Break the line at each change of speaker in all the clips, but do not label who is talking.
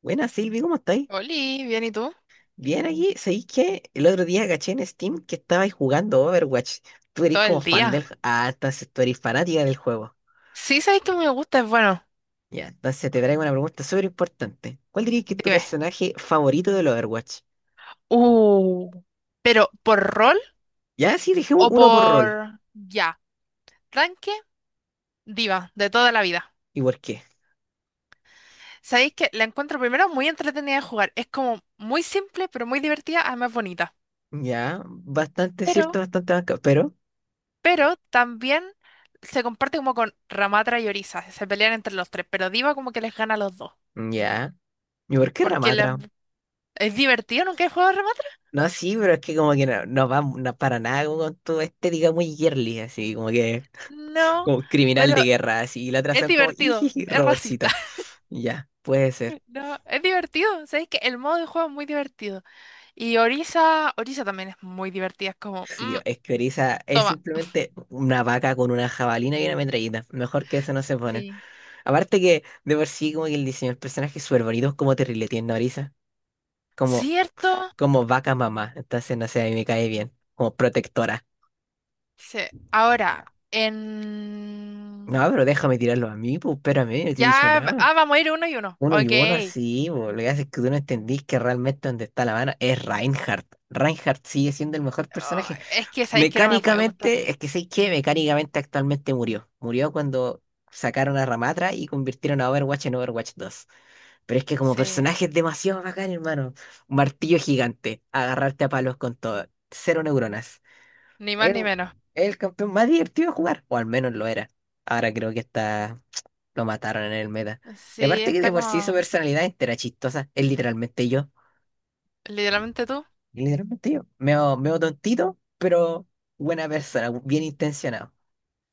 Buenas, Silvi, ¿cómo estáis?
Oli, bien, ¿y tú?
Bien aquí, ¿sabéis que el otro día caché en Steam que estabais jugando Overwatch? Tú eres
Todo
como
el
fan
día.
del... Ah, entonces tú eres fanática del juego.
Sí, sabes que me gusta, es bueno.
Ya, entonces te traigo una pregunta súper importante. ¿Cuál dirías que es tu
Dime.
personaje favorito del Overwatch?
Uh, pero ¿por rol
Ya, sí, dejemos
o
uno por rol.
por ya? Tanque, diva, de toda la vida.
¿Y por qué?
Sabéis que la encuentro primero muy entretenida de jugar. Es como muy simple, pero muy divertida, además bonita.
Ya, bastante
Pero,
cierto, bastante banca, pero...
pero también se comparte como con Ramatra y Orisa. Se pelean entre los tres, pero diva como que les gana a los dos.
Ya. ¿Y por qué
Porque la-
Ramatra?
es divertido, ¿nunca he jugado a Ramatra?
No, sí, pero es que como que no, no va no para nada como con tu estética muy girly, así como que...
No,
como criminal de
pero
guerra, así, y la otra
es
son como,
divertido,
¡ijiji!
es racista.
Robotcita. Ya, puede ser.
No, es divertido, ¿sabes que el modo de juego es muy divertido? Y Orisa, Orisa también es muy divertida, es como,
Sí,
"Mm,
es que Orisa es
toma".
simplemente una vaca con una jabalina y una metralleta. Mejor que eso no se pone.
Sí.
Aparte que, de por sí, como que el diseño del personaje es súper bonito, es como terrible tiene Orisa. Como,
¿Cierto?
como vaca mamá. Entonces, no sé, a mí me cae bien. Como protectora.
Sí. Ahora, en...
No, pero déjame tirarlo a mí, pues, espérame, no te he dicho
Ya,
nada.
vamos a ir uno y uno.
Uno y
Ok.
uno, sí, bo. Lo que hace es que tú no entendís que realmente donde está la mano es Reinhardt. Reinhardt sigue siendo el mejor
Ah,
personaje.
es que sabéis que no me puede gustar.
Mecánicamente, es que sé que mecánicamente actualmente murió. Murió cuando sacaron a Ramatra y convirtieron a Overwatch en Overwatch 2. Pero es que como
Sí,
personaje es demasiado bacán, hermano. Un martillo gigante, agarrarte a palos con todo. Cero neuronas.
ni más
Es,
ni menos.
es el campeón más divertido de jugar, o al menos lo era. Ahora creo que está, lo mataron en el meta. Y
Sí,
aparte que de
está
por sí su
como
personalidad entera chistosa. Es literalmente yo.
literalmente tú.
Literalmente yo. Meo, meo tontito, pero buena persona, bien intencionado.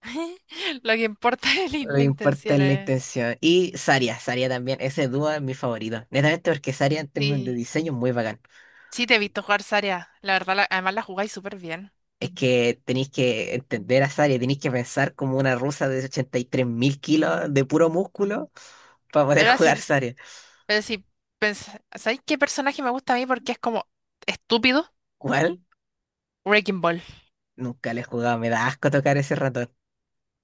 Lo que importa es
No
la
importa
intención,
la
eh.
intención. Y Saria, Saria también. Ese dúo es mi favorito. Netamente porque Saria en términos de
Sí.
diseño es muy bacán.
Sí, te he visto jugar Zarya. La verdad, además la jugáis súper bien.
Es que tenéis que entender a Saria, tenéis que pensar como una rusa de 83.000 kilos de puro músculo para poder
Pero
jugar
así
Saria.
Pero si pensás, ¿sabéis qué personaje me gusta a mí porque es como estúpido?
¿Cuál?
Wrecking Ball.
Nunca le he jugado, me da asco tocar ese ratón.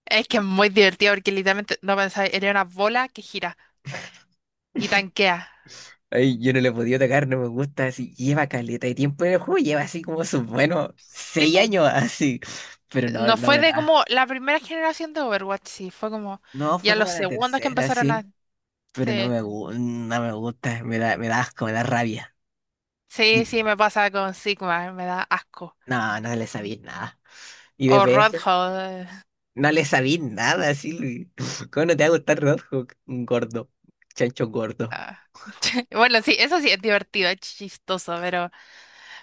Es que es muy divertido porque literalmente no pensáis, era una bola que gira y tanquea.
Ay, yo no le he podido tocar, no me gusta. Así lleva caleta de tiempo en el juego, lleva así como sus buenos seis
Tipo,
años así. Pero no,
no
no
fue
me
de
da.
como la primera generación de Overwatch, sí, fue como
No, fue
ya los
como la
segundos que
tercera,
empezaron a.
sí. Pero no
Sí,
me, no me gusta, me da asco, me da rabia. Y
sí, me pasa con Sigma, me da asco.
no, no le sabía nada. Y
O
DPS,
Rodhold.
no le sabía nada, Silvi. ¿Cómo no te va a gustar Roadhog? Un gordo, chancho gordo.
Ah. Bueno, sí, eso sí es divertido, es chistoso, pero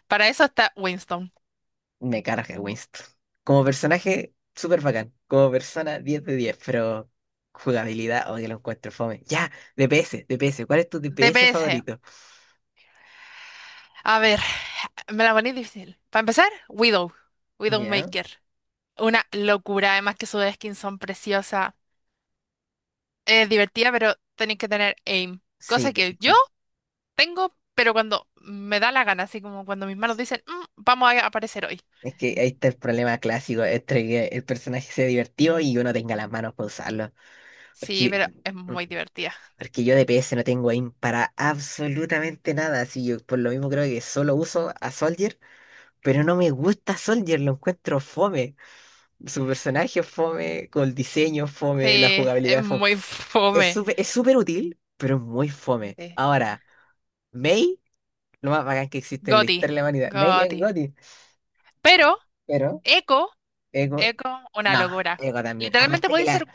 para eso está Winston.
Me carga Winston. Como personaje, súper bacán. Como persona, 10 de 10, pero jugabilidad, o que lo encuentro fome. Ya, DPS, DPS, ¿cuál es tu DPS
DPS.
favorito?
A ver, me la poní difícil. Para empezar,
Ya,
Widowmaker. Una locura, además que sus skins son preciosas. Es divertida, pero tenéis que tener aim.
sí,
Cosa que yo
DPS.
tengo, pero cuando me da la gana, así como cuando mis manos dicen, "Mm, vamos a aparecer hoy".
Es que ahí está el problema clásico, entre que el personaje sea divertido y uno tenga las manos para usarlo. Es
Sí,
que,
pero es muy divertida.
es que yo de PS no tengo aim para absolutamente nada, así yo por lo mismo creo que solo uso a Soldier, pero no me gusta Soldier, lo encuentro fome. Su personaje es fome, con el diseño es fome, la
Sí, es
jugabilidad es fome.
muy
Es
fome.
súper es súper útil, pero es muy fome.
Sí.
Ahora, Mei, lo más bacán que existe en la
Goti,
historia de la humanidad. Mei es
Goti.
Gotti,
Pero,
pero
Echo,
Ego,
Echo, una
no,
locura.
Ego también.
Literalmente
Aparte que la...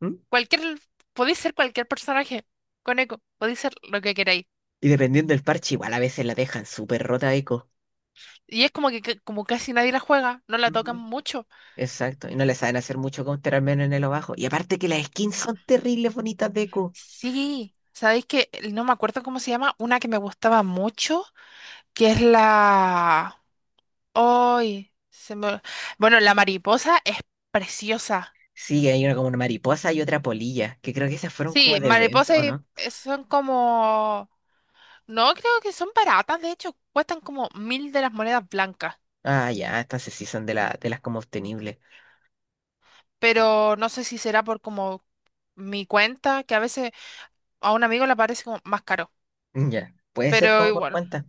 ¿Mm?
Cualquier, podéis ser cualquier personaje con eco, podéis ser lo que queráis.
Y dependiendo del parche, igual a veces la dejan súper rota Echo.
Y es como que como casi nadie la juega, no la tocan
Ujú.
mucho.
Exacto, y no le saben hacer mucho counter al menos en el bajo. Y aparte que las skins
No.
son terribles bonitas de Q.
Sí, sabéis que no me acuerdo cómo se llama, una que me gustaba mucho, que es la... ay se me... Bueno, la mariposa es preciosa.
Sí, hay una como una mariposa y otra polilla, que creo que esas fueron como
Sí,
de evento,
mariposas
¿o
y
no?
son como... No, creo que son baratas, de hecho, cuestan como mil de las monedas blancas.
Ah, ya, estas sí son de, la, de las como obtenibles.
Pero no sé si será por como mi cuenta, que a veces a un amigo le parece como más caro,
Mm, ya, puede ser
pero
como por
igual.
cuenta.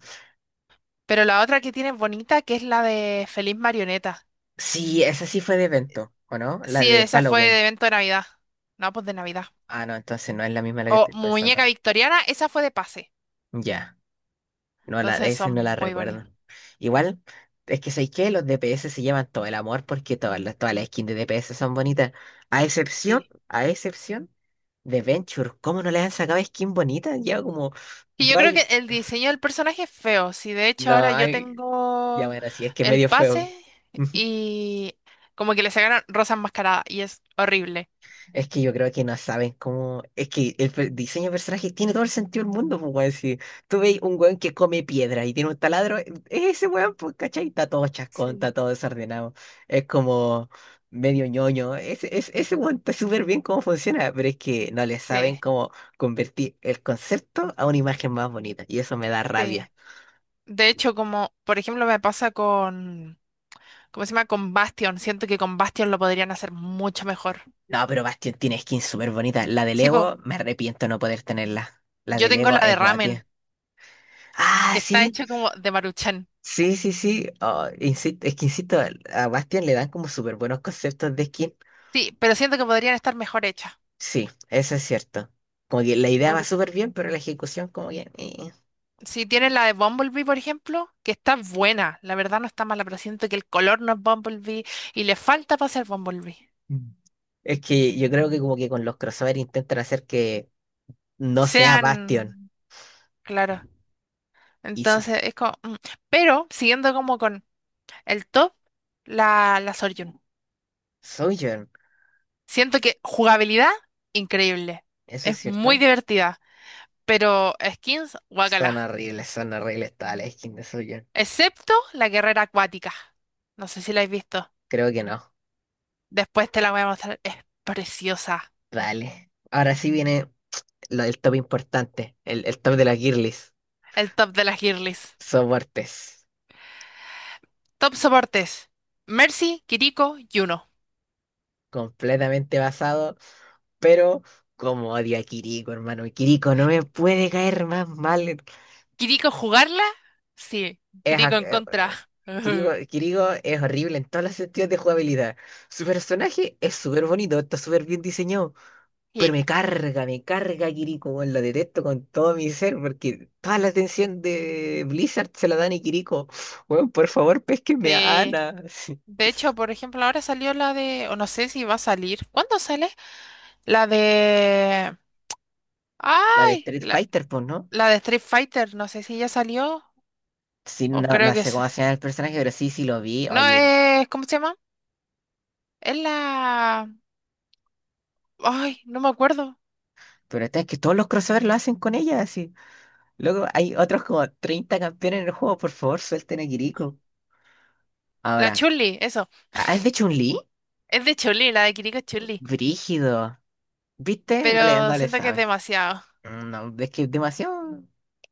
Pero la otra que tiene es bonita, que es la de Feliz Marioneta.
Sí, esa sí fue de evento, ¿o no? La
Sí,
de
esa fue de
Halloween.
evento de Navidad. No, pues de Navidad.
Ah, no, entonces no es la misma la que
O
estoy pensando.
Muñeca Victoriana, esa fue de pase.
Ya.
Entonces
Ese no
son
la
muy
recuerdo.
bonitas.
Igual, es que ¿sabéis qué? Los DPS se llevan todo el amor porque todas las skins de DPS son bonitas. A excepción,
Sí.
a excepción de Venture. ¿Cómo no le han sacado skin bonita? Ya como.
Y yo
dos
creo
años-
que el diseño del personaje es feo. Sí, de hecho
No,
ahora yo
hay. Ya
tengo
bueno, sí, es que es
el
medio feo.
pase y como que le sacaron Rosa Enmascarada y es horrible.
Es que yo creo que no saben cómo. Es que el diseño de personajes tiene todo el sentido del mundo, pues, weón. Si tú veis un weón que come piedra y tiene un taladro, es ese weón, pues, ¿cachai? Está todo chascón,
Sí.
está todo desordenado. Es como medio ñoño. Ese weón está súper bien cómo funciona, pero es que no le
Sí,
saben cómo convertir el concepto a una imagen más bonita. Y eso me da
sí.
rabia.
De hecho, como por ejemplo me pasa ¿cómo se llama? Con Bastion. Siento que con Bastion lo podrían hacer mucho mejor.
No, pero Bastion tiene skins súper bonitas. La de
Sí, po,
Lego, me arrepiento no poder tenerla. La
yo
de
tengo
Lego
la de
es
ramen,
gote. Ah,
que está
sí.
hecha como de Maruchan.
Sí, sí, sí. Ah, es que insisto, a Bastian le dan como súper buenos conceptos de skin.
Sí, pero siento que podrían estar mejor hechas.
Sí, eso es cierto. Como que la idea va
Por-
súper bien, pero la ejecución como que...
si tienes la de Bumblebee, por ejemplo, que está buena, la verdad no está mala, pero siento que el color no es Bumblebee y le falta para ser Bumblebee.
Mm. Es que yo creo que como que con los crossover intentan hacer que no sea Bastion
Sean, claro.
y
Entonces es como, mm. Pero siguiendo como con el top, la Soryun.
Sojourn.
Siento que jugabilidad, increíble.
¿Eso es
Es muy
cierto?
divertida, pero skins, guacala.
Son horribles todas las skins de Sojourn.
Excepto la guerrera acuática. No sé si la has visto.
Creo que no.
Después te la voy a mostrar. Es preciosa.
Dale. Ahora sí viene lo del top importante, el top de las girlies.
El top de las girlies.
Soportes.
Top soportes. Mercy, Kiriko, Yuno.
Completamente basado. Pero como odio a Kiriko, hermano. Kiriko no me puede caer más mal.
¿Kiriko jugarla? Sí.
Es, a-
Kiriko en
eh,
contra.
Kiriko, Kiriko es horrible en todos los sentidos de jugabilidad. Su personaje es súper bonito, está súper bien diseñado. Pero
Sí.
me carga Kiriko, weón. Lo detesto con todo mi ser porque toda la atención de Blizzard se la dan a Kiriko. Weón, por favor, pésquenme a
Sí.
Ana.
De hecho, por ejemplo, ahora salió la de... O no sé si va a salir. ¿Cuándo sale? La de...
La de
¡Ay!
Street
La
Fighter, pues, ¿no?
de Street Fighter, no sé si ya salió
Sí,
o
no,
creo
no
que
sé
es...
cómo se llama el personaje, pero sí, sí lo vi.
No,
Oye.
es... ¿Cómo se llama? Es la... Ay, no me acuerdo.
Pero esta es que todos los crossovers lo hacen con ella, así. Luego hay otros como 30 campeones en el juego, por favor, suelten a Kiriko.
La
Ahora,
Chuli, eso.
¿has de Chun-Li?
Es de Chuli, la de Kiriko es Chuli.
Brígido. ¿Viste? No le,
Pero
no le
siento que es
sabes.
demasiado.
No, es que demasiado.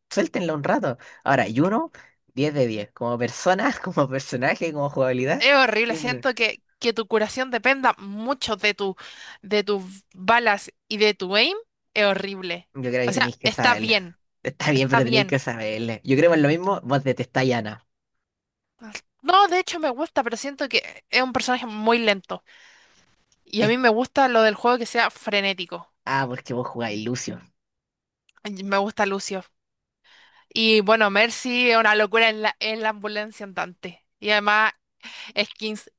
Suéltenlo un rato. Ahora, Yuno, 10 de 10 como persona, como personaje, como jugabilidad,
Es horrible,
10 .
siento que tu curación dependa mucho de de tus balas y de tu aim. Es horrible.
Yo creo
O
que
sea,
tenéis que
está
saberlo.
bien,
Está bien,
está
pero tenéis que
bien.
saberle. Yo creo que es lo mismo, vos detestáis a Ana.
No, de hecho me gusta, pero siento que es un personaje muy lento. Y a
Es-
mí me gusta lo del juego que sea frenético.
ah, porque vos jugáis Lucio.
Ay, me gusta Lucio. Y bueno, Mercy es una locura en en la ambulancia andante. Y además, skins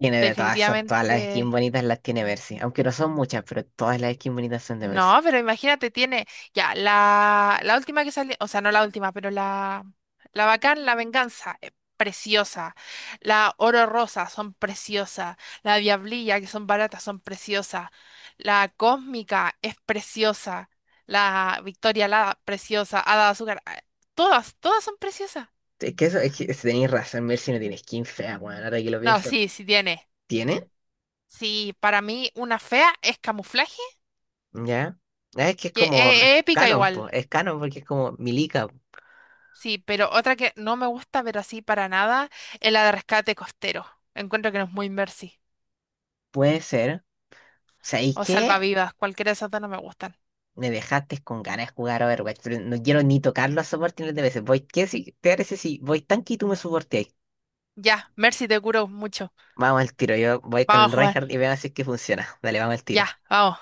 Tiene de todas esas, todas las skins
definitivamente...
bonitas las tiene Mercy. Aunque no son muchas, pero todas las skins bonitas son de Mercy.
No, pero imagínate, tiene ya la última que salió, o sea, no la última, pero la Bacán, la Venganza, es preciosa. La Oro Rosa, son preciosas. La Diablilla, que son baratas, son preciosas. La Cósmica es preciosa. La Victoria la preciosa. Hada de Azúcar, ah, todas son preciosas.
Es que eso, es que si tenéis razón, Mercy no tiene skin fea, weón, ahora que lo
No,
pienso.
sí, sí tiene.
¿Tiene?
Sí, para mí una fea es camuflaje,
¿Ya? Ah, es que es
que
como
es épica
canon, po.
igual.
Es canon porque es como Milica.
Sí, pero otra que no me gusta ver así para nada es la de rescate costero. Encuentro que no es muy Mercy.
Puede ser. ¿Sabéis
O
qué?
salvavidas, cualquiera de esas dos no me gustan.
Me dejaste con ganas de jugar Overwatch, pero no quiero ni tocarlo a soporte de veces. Voy, ¿qué si te parece si voy tanque y tú me soporteáis?
Ya, Mercy te curo mucho.
Vamos al tiro, yo voy con
Vamos
el
a jugar.
Reinhardt y veamos si es que funciona. Dale, vamos al tiro.
Ya, vamos.